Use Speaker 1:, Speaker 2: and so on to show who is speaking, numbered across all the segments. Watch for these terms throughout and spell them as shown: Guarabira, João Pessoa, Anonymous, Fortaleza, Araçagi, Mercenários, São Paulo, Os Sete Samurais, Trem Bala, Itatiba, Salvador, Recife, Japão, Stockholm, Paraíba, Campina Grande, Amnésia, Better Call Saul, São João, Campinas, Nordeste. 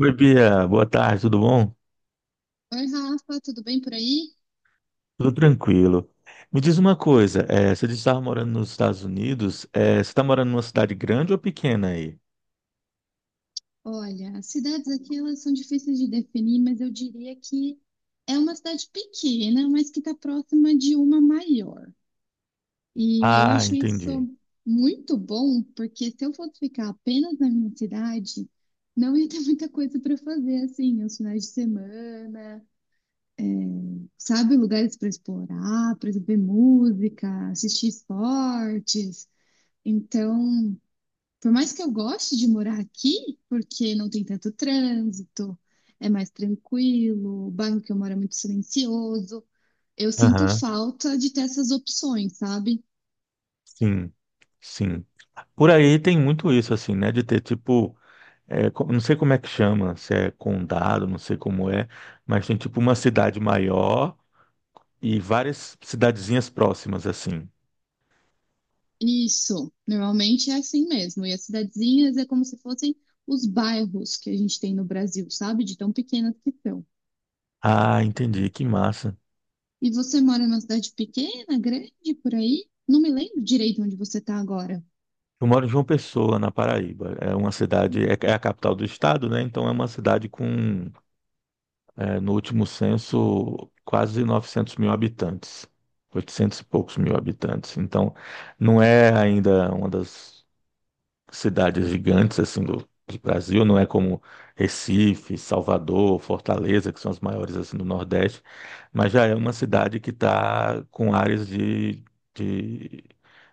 Speaker 1: Oi, Bia. Boa tarde, tudo bom?
Speaker 2: Oi, Rafa, tudo bem por aí?
Speaker 1: Tudo tranquilo. Me diz uma coisa, você disse que estava morando nos Estados Unidos, você está morando numa cidade grande ou pequena aí?
Speaker 2: Olha, as cidades aqui elas são difíceis de definir, mas eu diria que é uma cidade pequena, mas que está próxima de uma maior. E eu
Speaker 1: Ah,
Speaker 2: acho isso
Speaker 1: entendi.
Speaker 2: muito bom, porque se eu fosse ficar apenas na minha cidade, não ia ter muita coisa para fazer, assim, aos finais de semana, sabe, lugares para explorar, para ver música, assistir esportes. Então, por mais que eu goste de morar aqui, porque não tem tanto trânsito, é mais tranquilo, o bairro que eu moro é muito silencioso, eu sinto
Speaker 1: Aham,
Speaker 2: falta de ter essas opções, sabe?
Speaker 1: sim, sim. Por aí tem muito isso, assim, né? De ter tipo, não sei como é que chama, se é condado, não sei como é, mas tem tipo uma cidade maior e várias cidadezinhas próximas, assim.
Speaker 2: Isso, normalmente é assim mesmo. E as cidadezinhas é como se fossem os bairros que a gente tem no Brasil, sabe? De tão pequenas que são.
Speaker 1: Ah, entendi, que massa.
Speaker 2: E você mora numa cidade pequena, grande, por aí? Não me lembro direito onde você está agora.
Speaker 1: Eu moro em João Pessoa, na Paraíba. É uma cidade, é a capital do estado, né? Então é uma cidade com, no último censo, quase 900 mil habitantes, 800 e poucos mil habitantes. Então não é ainda uma das cidades gigantes assim do, Brasil, não é como Recife, Salvador, Fortaleza, que são as maiores assim do Nordeste, mas já é uma cidade que está com áreas de, de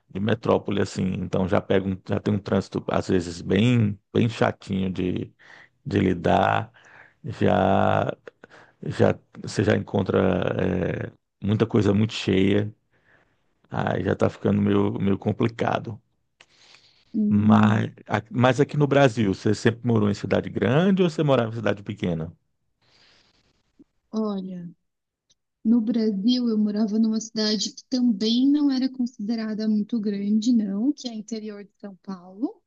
Speaker 1: de metrópole assim, então já tem um trânsito às vezes bem chatinho de lidar, já já você já encontra muita coisa muito cheia, aí já tá ficando meio complicado.
Speaker 2: Hum,
Speaker 1: Mas aqui no Brasil, você sempre morou em cidade grande ou você morava em cidade pequena?
Speaker 2: olha. No Brasil, eu morava numa cidade que também não era considerada muito grande, não, que é interior de São Paulo.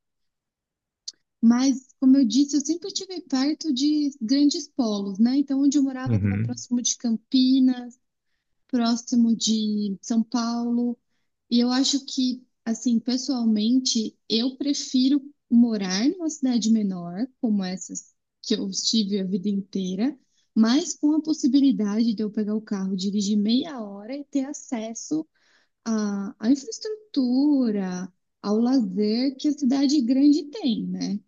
Speaker 2: Mas, como eu disse, eu sempre estive perto de grandes polos, né? Então, onde eu morava estava
Speaker 1: Uhum.
Speaker 2: próximo de Campinas, próximo de São Paulo. E eu acho que, assim, pessoalmente, eu prefiro morar numa cidade menor, como essas que eu estive a vida inteira, mas com a possibilidade de eu pegar o carro, dirigir meia hora e ter acesso à infraestrutura, ao lazer que a cidade grande tem, né?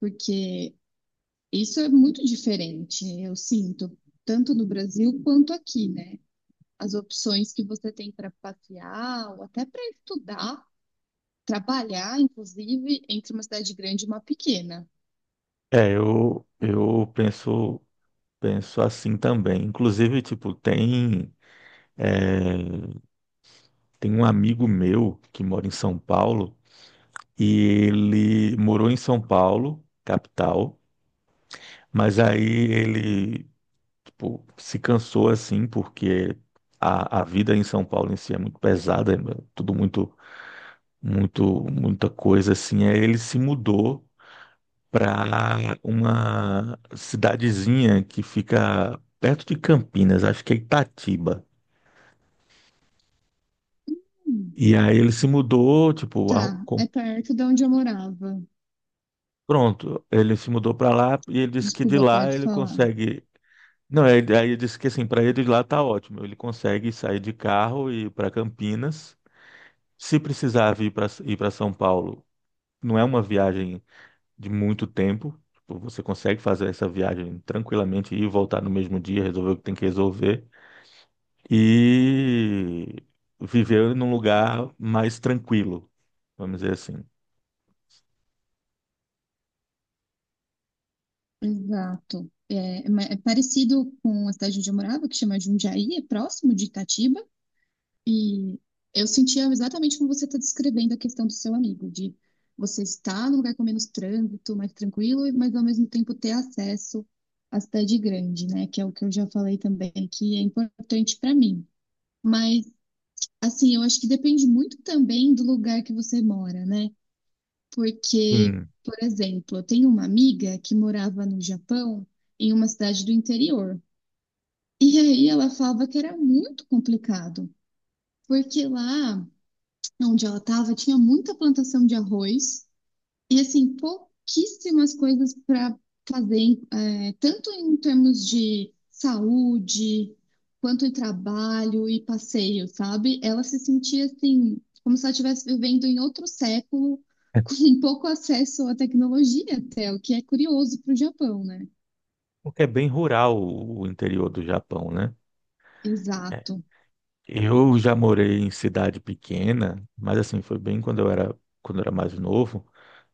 Speaker 2: Porque isso é muito diferente, eu sinto, tanto no Brasil quanto aqui, né? As opções que você tem para passear ou até para estudar trabalhar, inclusive, entre uma cidade grande e uma pequena.
Speaker 1: É, eu penso, assim também. Inclusive, tipo, eh, Tem um amigo meu que mora em São Paulo e ele morou em São Paulo, capital, mas aí ele, tipo, se cansou assim porque a vida em São Paulo em si é muito pesada, é tudo muito, muita coisa assim. Aí ele se mudou para uma cidadezinha que fica perto de Campinas, acho que é Itatiba.
Speaker 2: Hum,
Speaker 1: E aí ele se mudou, tipo,
Speaker 2: tá, é perto de onde eu morava.
Speaker 1: pronto, ele se mudou para lá e ele disse que de
Speaker 2: Desculpa,
Speaker 1: lá
Speaker 2: pode
Speaker 1: ele
Speaker 2: falar.
Speaker 1: consegue. Não, aí ele disse que assim, para ele de lá tá ótimo. Ele consegue sair de carro e ir para Campinas. Se precisar vir para ir para São Paulo, não é uma viagem de muito tempo. Tipo, você consegue fazer essa viagem tranquilamente, ir e voltar no mesmo dia, resolver o que tem que resolver e viver num lugar mais tranquilo, vamos dizer assim.
Speaker 2: Exato. É, é parecido com a cidade onde eu morava, que chama Jundiaí, é próximo de Itatiba. E eu sentia exatamente como você está descrevendo a questão do seu amigo, de você estar num lugar com menos trânsito, mais tranquilo, mas ao mesmo tempo ter acesso à cidade grande, né? Que é o que eu já falei também, que é importante para mim. Mas assim, eu acho que depende muito também do lugar que você mora, né? Porque,
Speaker 1: Sim.
Speaker 2: por exemplo, eu tenho uma amiga que morava no Japão, em uma cidade do interior. E aí ela falava que era muito complicado, porque lá onde ela estava tinha muita plantação de arroz e assim, pouquíssimas coisas para fazer, é, tanto em termos de saúde, quanto em trabalho e passeio, sabe? Ela se sentia assim, como se ela estivesse vivendo em outro século, com pouco acesso à tecnologia até, o que é curioso para o Japão, né?
Speaker 1: Porque é bem rural o interior do Japão, né?
Speaker 2: Exato.
Speaker 1: Eu já morei em cidade pequena, mas assim, foi bem quando eu era mais novo.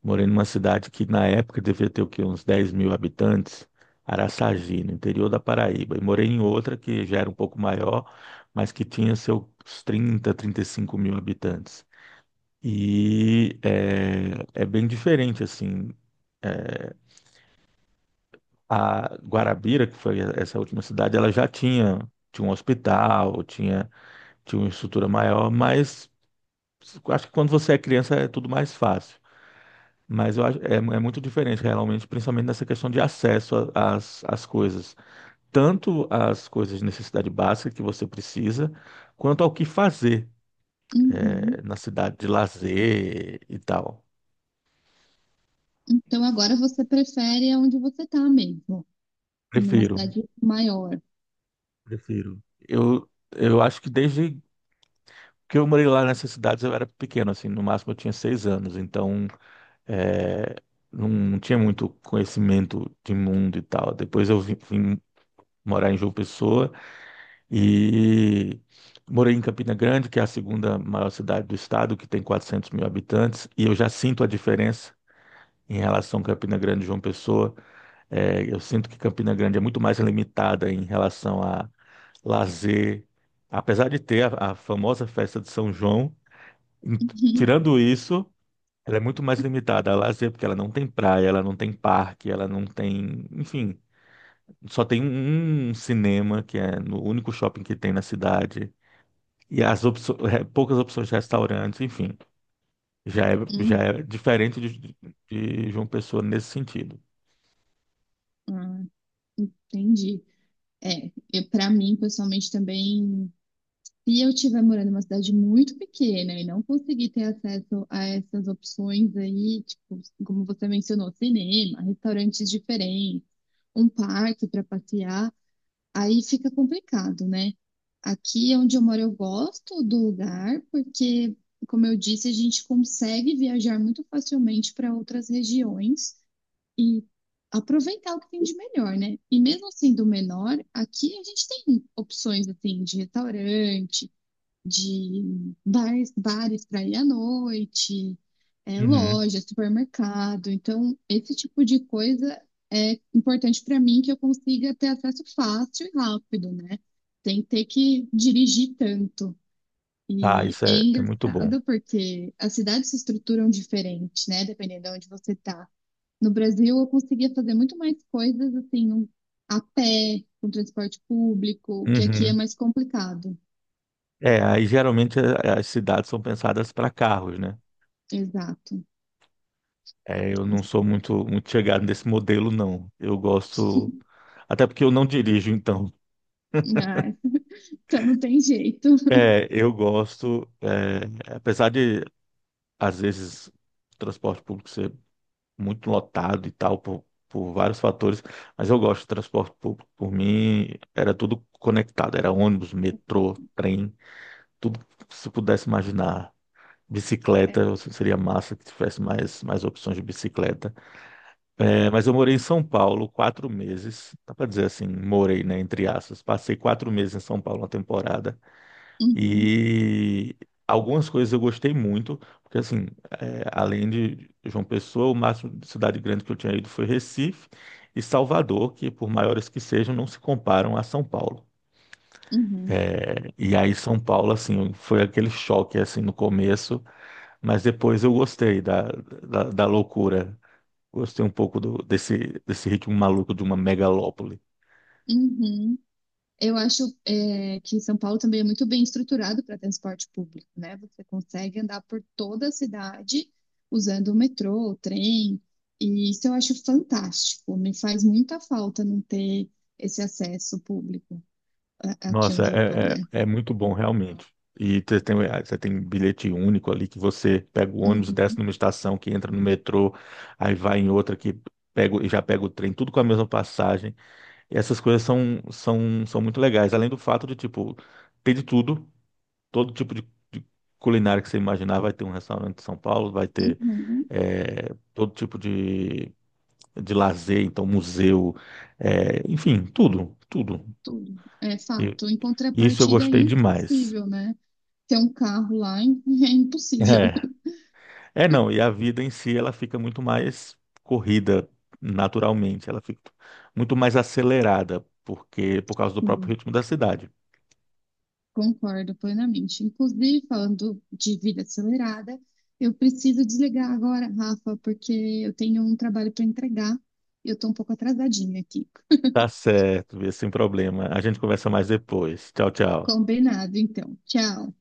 Speaker 1: Morei numa cidade que na época devia ter o quê? Uns 10 mil habitantes, Araçagi, no interior da Paraíba. E morei em outra que já era um pouco maior, mas que tinha seus trinta, 35 mil habitantes. E é bem diferente, assim. eh, A Guarabira, que foi essa última cidade, ela já tinha, tinha uma estrutura maior, mas acho que quando você é criança é tudo mais fácil, mas eu acho, é muito diferente realmente, principalmente nessa questão de acesso às coisas, tanto às coisas de necessidade básica que você precisa, quanto ao que fazer
Speaker 2: Uhum.
Speaker 1: é, na cidade de lazer e tal.
Speaker 2: Então agora você prefere onde você tá mesmo, numa
Speaker 1: Prefiro,
Speaker 2: cidade maior.
Speaker 1: prefiro. Eu acho que desde que eu morei lá nessas cidades eu era pequeno, assim, no máximo eu tinha 6 anos, então é, não tinha muito conhecimento de mundo e tal. Depois eu vim morar em João Pessoa. E morei em Campina Grande, que é a segunda maior cidade do estado, que tem 400 mil habitantes, e eu já sinto a diferença em relação a Campina Grande e João Pessoa. É, eu sinto que Campina Grande é muito mais limitada em relação a lazer, apesar de ter a famosa festa de São João, em-
Speaker 2: Uhum.
Speaker 1: tirando isso. Ela é muito mais limitada a lazer, porque ela não tem praia, ela não tem parque, ela não tem, enfim, só tem um cinema, que é no único shopping que tem na cidade. E poucas opções de restaurantes, enfim, já é, já
Speaker 2: Uhum.
Speaker 1: é diferente de, João Pessoa nesse sentido.
Speaker 2: Ah, entendi. É, eu, para mim, pessoalmente, também, se eu estiver morando em uma cidade muito pequena e não conseguir ter acesso a essas opções aí, tipo, como você mencionou, cinema, restaurantes diferentes, um parque para passear, aí fica complicado, né? Aqui onde eu moro, eu gosto do lugar, porque, como eu disse, a gente consegue viajar muito facilmente para outras regiões e aproveitar o que tem de melhor, né? E mesmo sendo menor, aqui a gente tem opções assim de restaurante, de bares, bares para ir à noite, é,
Speaker 1: Uhum.
Speaker 2: loja, supermercado. Então, esse tipo de coisa é importante para mim que eu consiga ter acesso fácil e rápido, né? Sem ter que dirigir tanto.
Speaker 1: Ah,
Speaker 2: E
Speaker 1: isso
Speaker 2: é
Speaker 1: é muito bom.
Speaker 2: engraçado porque as cidades se estruturam diferente, né? Dependendo de onde você está. No Brasil, eu conseguia fazer muito mais coisas assim, a pé, com transporte público, que aqui é
Speaker 1: Uhum.
Speaker 2: mais complicado.
Speaker 1: É, aí geralmente as cidades são pensadas para carros, né?
Speaker 2: Exato.
Speaker 1: É, eu não sou muito, muito chegado nesse modelo, não. Eu gosto, até porque eu não dirijo, então.
Speaker 2: Ah, então não tem jeito.
Speaker 1: É, eu gosto, apesar de, às vezes, o transporte público ser muito lotado e tal, por vários fatores, mas eu gosto do transporte público. Por mim, era tudo conectado, era ônibus, metrô, trem, tudo que se pudesse imaginar.
Speaker 2: É.
Speaker 1: Bicicleta, seria massa que tivesse mais, opções de bicicleta. É, mas eu morei em São Paulo 4 meses, dá para dizer assim, morei, né, entre aspas. Passei 4 meses em São Paulo, uma temporada.
Speaker 2: Uhum,
Speaker 1: E algumas coisas eu gostei muito, porque assim, é, além de João Pessoa, o máximo de cidade grande que eu tinha ido foi Recife e Salvador, que por maiores que sejam, não se comparam a São Paulo.
Speaker 2: uhum,
Speaker 1: É, e aí São Paulo, assim, foi aquele choque assim no começo, mas depois eu gostei da, loucura. Gostei um pouco desse ritmo maluco de uma megalópole.
Speaker 2: uhum. Eu acho é, que São Paulo também é muito bem estruturado para transporte público, né? Você consegue andar por toda a cidade usando o metrô, o trem, e isso eu acho fantástico. Me faz muita falta não ter esse acesso público aqui
Speaker 1: Nossa,
Speaker 2: onde eu tô, né?
Speaker 1: é muito bom, realmente. E você tem bilhete único ali, que você pega o ônibus, desce
Speaker 2: Uhum,
Speaker 1: numa estação, que entra no metrô, aí vai em outra que pega, e já pega o trem, tudo com a mesma passagem. E essas coisas são muito legais. Além do fato de, tipo, ter de tudo, todo tipo de, de culinária que você imaginar, vai ter um restaurante em São Paulo, vai ter
Speaker 2: uhum,
Speaker 1: todo tipo de, lazer, então museu, enfim, tudo, tudo.
Speaker 2: tudo. É
Speaker 1: E
Speaker 2: fato. Em
Speaker 1: isso eu
Speaker 2: contrapartida, é
Speaker 1: gostei demais.
Speaker 2: impossível, né? Ter um carro lá. É impossível.
Speaker 1: É, é, não, e a vida em si ela fica muito mais corrida naturalmente, ela fica muito mais acelerada porque por causa do próprio
Speaker 2: Sim,
Speaker 1: ritmo da cidade.
Speaker 2: concordo plenamente. Inclusive, falando de vida acelerada, eu preciso desligar agora, Rafa, porque eu tenho um trabalho para entregar e eu estou um pouco atrasadinha aqui.
Speaker 1: Tá certo, Bia, sem problema. A gente conversa mais depois. Tchau, tchau.
Speaker 2: Combinado, então. Tchau.